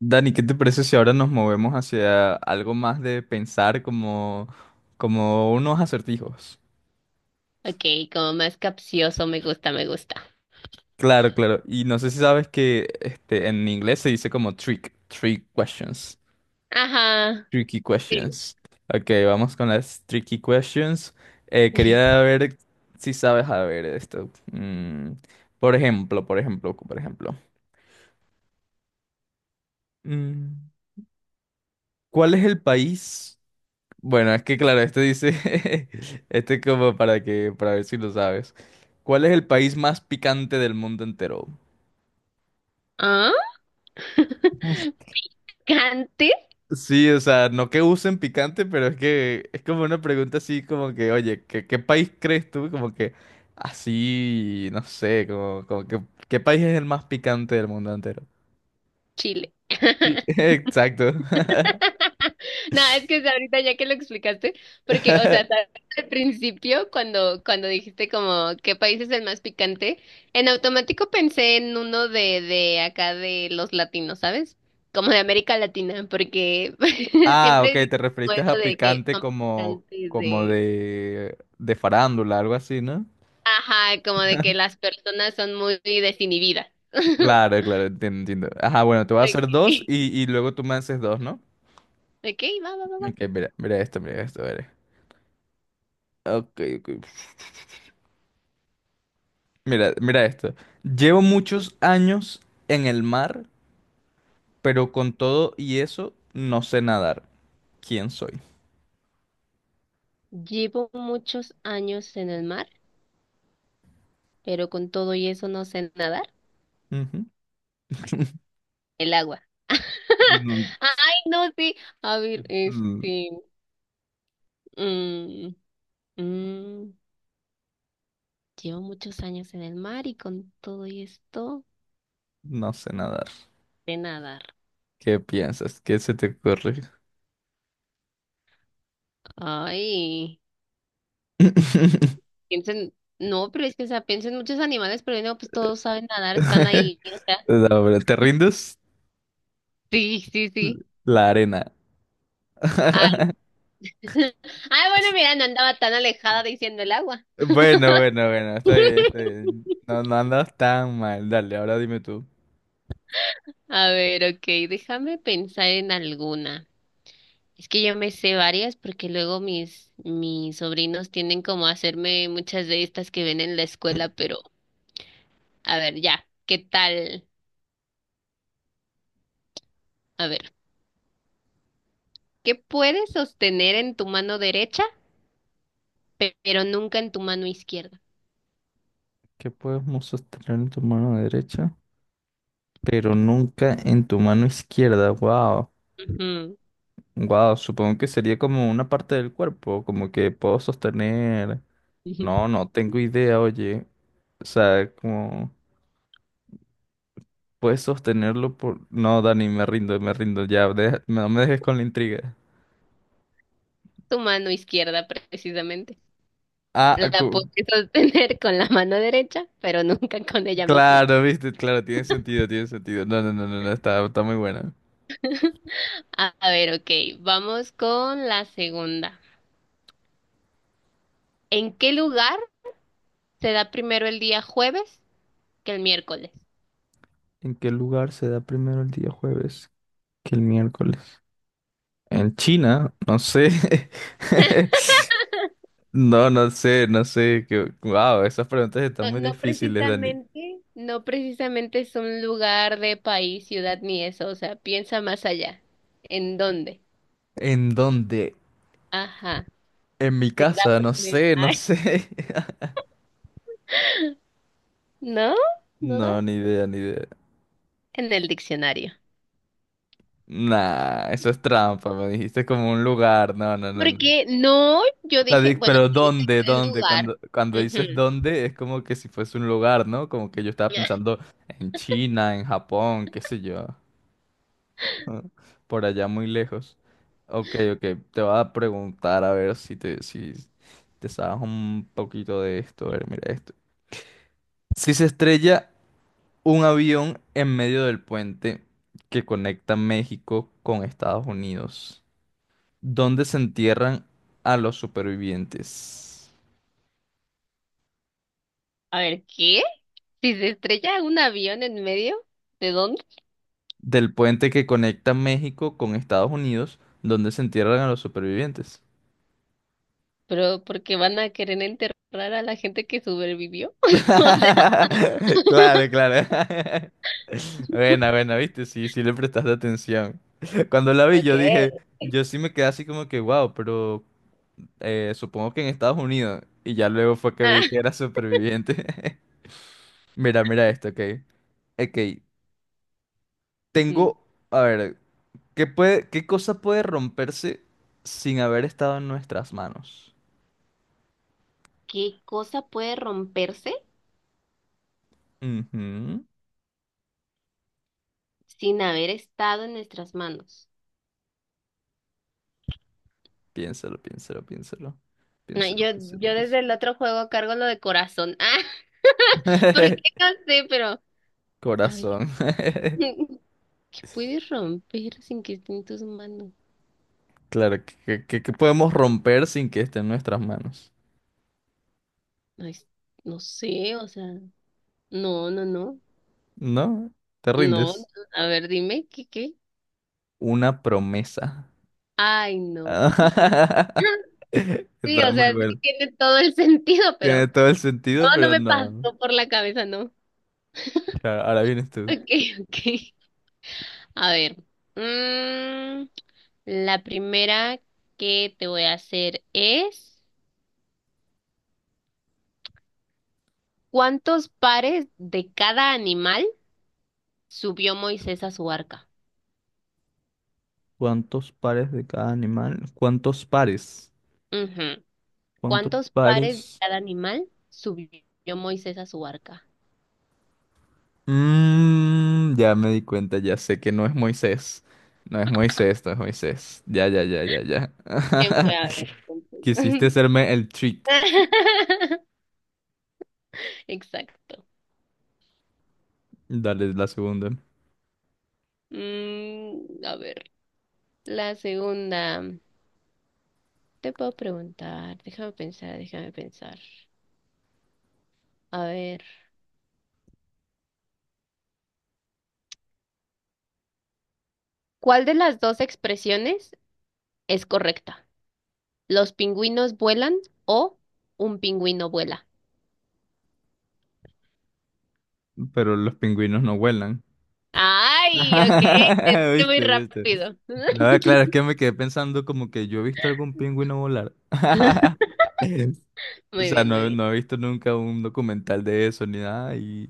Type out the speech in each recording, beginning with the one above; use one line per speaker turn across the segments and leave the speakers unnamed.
Dani, ¿qué te parece si ahora nos movemos hacia algo más de pensar como unos acertijos?
Ok, como más capcioso, me gusta, me gusta.
Claro, claro. Y no sé si sabes que en inglés se dice como trick questions,
Ajá.
tricky
Sí.
questions. Ok, vamos con las tricky questions. Quería ver si sabes, a ver, esto. Por ejemplo. Mm, ¿Cuál es el país? Bueno, es que claro, dice, como para ver si lo sabes. ¿Cuál es el país más picante del mundo entero?
¿Ah? Cante
Sí, o sea, no que usen picante, pero es que es como una pregunta así como que, oye, ¿qué país crees tú? Como que así, no sé, como que, ¿qué país es el más picante del mundo entero?
Chile.
Sí. Exacto.
No, es que ahorita ya que lo explicaste, porque, o sea, al principio, cuando dijiste como qué país es el más picante, en automático pensé en uno de acá de los latinos, ¿sabes? Como de América Latina, porque
Ah, ok,
siempre dicen
te
como
referiste
eso
a
de que
picante
son
como,
picantes
como
de...
de, de farándula, algo así, ¿no?
Ajá, como de que las personas son muy desinhibidas.
Claro, claro, entiendo, entiendo. Ajá, bueno, te voy a hacer dos
Okay.
y luego tú me haces dos, ¿no?
Ok, va, va, va, va.
Ok, mira, mira esto, a ver. Ok, ok. Mira, mira esto. Llevo muchos años en el mar, pero con todo y eso no sé nadar. ¿Quién soy?
Llevo muchos años en el mar, pero con todo y eso no sé nadar.
Ujú.
El agua.
Mm,
Ay, no, sí. A ver,
mm,
este. mm, mm, llevo muchos años en el mar y con todo y esto
No sé nadar.
sé nadar.
¿Qué piensas? ¿Qué se te ocurre?
Ay, piensen. No, pero es que, o sea, piensen muchos animales, pero no, pues todos saben nadar, están ahí, o sea.
No, pero ¿te rindes?
Sí, sí, sí.
La arena.
Ah, bueno, mira, no andaba tan alejada diciendo el agua.
Bueno, bueno, bueno, está bien, está bien. No, no andas tan mal. Dale, ahora dime tú.
A ver, ok, déjame pensar en alguna. Es que yo me sé varias porque luego mis, mis sobrinos tienen como a hacerme muchas de estas que ven en la escuela, pero a ver, ya, ¿qué tal? A ver, ¿qué puedes sostener en tu mano derecha, pero nunca en tu mano izquierda?
¿Qué podemos sostener en tu mano derecha? Pero nunca en tu mano izquierda. Wow.
Ujú,
Wow, supongo que sería como una parte del cuerpo, como que puedo sostener.
ujú.
No, no tengo idea, oye. O sea, como puedes sostenerlo por. No, Dani, me rindo, me rindo. Ya, no me dejes con la intriga.
Tu mano izquierda, precisamente.
Ah,
La puedes sostener con la mano derecha, pero nunca con ella misma.
claro, viste, claro, tiene sentido, tiene sentido. No, no, no, no, no, está muy buena.
A ver, ok, vamos con la segunda. ¿En qué lugar se da primero el día jueves que el miércoles?
¿En qué lugar se da primero el día jueves que el miércoles? En China, no sé. No, no sé, no sé. Que, wow, esas preguntas están
No,
muy
no
difíciles, Dani.
precisamente, no precisamente es un lugar de país, ciudad ni eso, o sea, piensa más allá. ¿En dónde?
¿En dónde?
Ajá,
¿En mi
se da
casa? No
primero.
sé, no
Ay,
sé.
¿no? ¿No das?
No, ni idea, ni idea.
En el diccionario.
Nah, eso es trampa, me dijiste como un lugar. No, no, no, no.
Porque no, yo dije, bueno,
Pero
sí dice
¿dónde?
que el
¿Dónde?
lugar.
Cuando dices
Ujú.
dónde, es como que si fuese un lugar, ¿no? Como que yo estaba pensando en China, en Japón, qué sé yo. ¿no? Por allá muy lejos. Ok, ok. Te voy a preguntar a ver si te sabes un poquito de esto. A ver, mira esto. Si se estrella un avión en medio del puente que conecta México con Estados Unidos, ¿dónde se entierran a los supervivientes?
A ver, ¿qué? Si se estrella un avión en medio, ¿de dónde?
Del puente que conecta México con Estados Unidos, donde se entierran a los supervivientes.
Pero porque van a querer enterrar a la gente que sobrevivió. O sea,
Claro, claro. Buena, buena, viste, sí, sí le prestaste atención. Cuando la vi,
okay.
yo sí me quedé así como que, wow, pero supongo que en Estados Unidos. Y ya luego fue que vi que era superviviente. Mira, mira esto, ok. Ok,
Ujú.
tengo, a ver, ¿qué cosa puede romperse sin haber estado en nuestras manos?
¿Qué cosa puede romperse
Ujú.
sin haber estado en nuestras manos?
Piénsalo, piénsalo, piénsalo.
No,
Piénsalo,
yo,
piénsalo,
yo
piénsalo.
desde el otro juego cargo lo de corazón. Ah, porque no sé, pero a ver,
Corazón.
¿qué puedes romper sin que esté en tus manos?
Claro, que podemos romper sin que esté en nuestras manos.
Ay, no sé, o sea, no, no, no,
¿No? ¿Te
no, no.
rindes?
A ver, dime, ¿qué, qué?
Una promesa.
Ay, no. Sí,
Está
o
muy
sea, sí
bueno.
tiene todo el sentido,
Tiene
pero
todo el
no,
sentido,
no
pero
me pasó
no.
por la cabeza, no.
Claro, ahora vienes tú.
Ok, ok. A ver. mm, la primera que te voy a hacer es, ¿cuántos pares de cada animal subió Moisés a su arca?
¿Cuántos pares de cada animal? ¿Cuántos pares?
Ujú.
¿Cuántos
¿Cuántos pares de
pares?
cada animal subió Moisés a su arca?
Ya me di cuenta, ya sé que no es Moisés. No es Moisés, no es Moisés. Ya, ya, ya, ya, ya.
¿Quién fue a ver,
Quisiste
entonces?
hacerme el trick.
Exacto.
Dale la segunda.
Mm, a ver, la segunda. Te puedo preguntar, déjame pensar. A ver, ¿cuál de las dos expresiones es correcta? ¿Los pingüinos vuelan o un pingüino vuela?
Pero los pingüinos no vuelan.
Ay, ok, le diste muy
¿Viste, viste?
rápido.
Nada, claro, es que me quedé pensando como que yo he visto algún pingüino volar. O
Muy
sea,
bien, muy
no,
bien.
no he visto nunca un documental de eso ni nada y,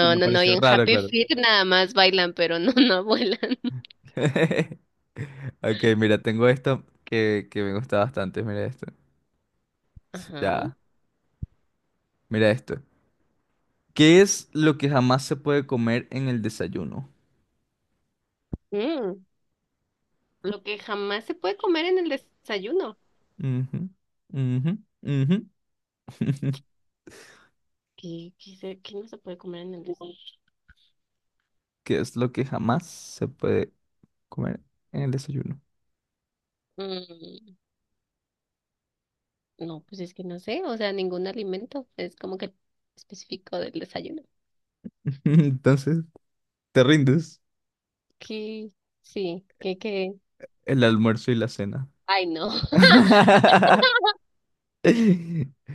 y me
no, no, y
pareció
en
raro,
Happy
claro.
Feet nada más bailan, pero no, no vuelan.
Ok, mira, tengo esto que me gusta bastante. Mira esto.
Ajá.
Ya, mira esto. ¿Qué es lo que jamás se puede comer en el desayuno?
Mm, lo que jamás se puede comer en el desayuno.
Ujú, ujú, ujú.
¿Qué, qué no se puede comer en el desayuno?
¿Qué es lo que jamás se puede comer en el desayuno?
Mm, no, pues es que no sé, o sea, ningún alimento es como que específico del desayuno.
Entonces, te rindes
Que sí, que que.
el almuerzo y la cena.
Ay, no,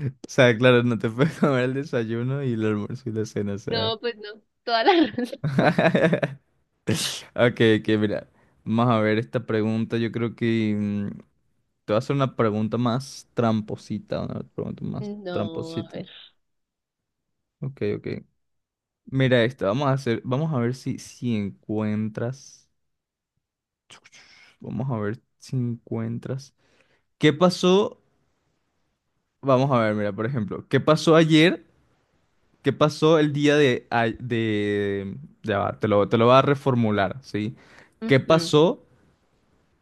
O sea, claro, no te puedes comer el desayuno y el almuerzo y la cena, o sea.
no, pues no, toda la razón.
Ok, ok, mira. Vamos a ver esta pregunta. Yo creo que te voy a hacer una pregunta más tramposita. Una pregunta más
No, a
tramposita.
ver.
Ok, ok. Mira esta. Vamos a ver si encuentras. Vamos a ver si encuentras. ¿Qué pasó? Vamos a ver, mira, por ejemplo. ¿Qué pasó ayer? ¿Qué pasó el día de... de... Ya va, te lo voy a reformular, ¿sí? ¿Qué
Ujú.
pasó?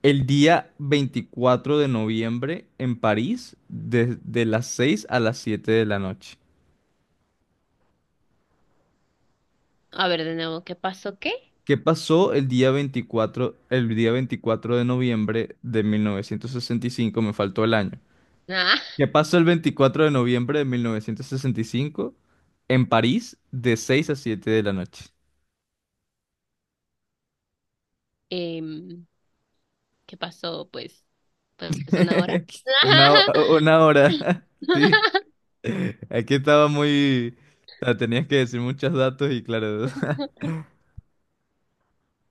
El día 24 de noviembre en París, desde las 6 a las 7 de la noche.
A ver, de nuevo, ¿qué pasó qué?
¿Qué pasó el día 24? El día 24 de noviembre de 1965. Me faltó el año.
Ah,
¿Qué pasó el 24 de noviembre de 1965 en París de 6 a 7 de la noche?
em, ¿qué pasó? Pues, pues una hora.
Una hora. Sí. Aquí estaba muy... o sea, tenías que decir muchos datos y claro.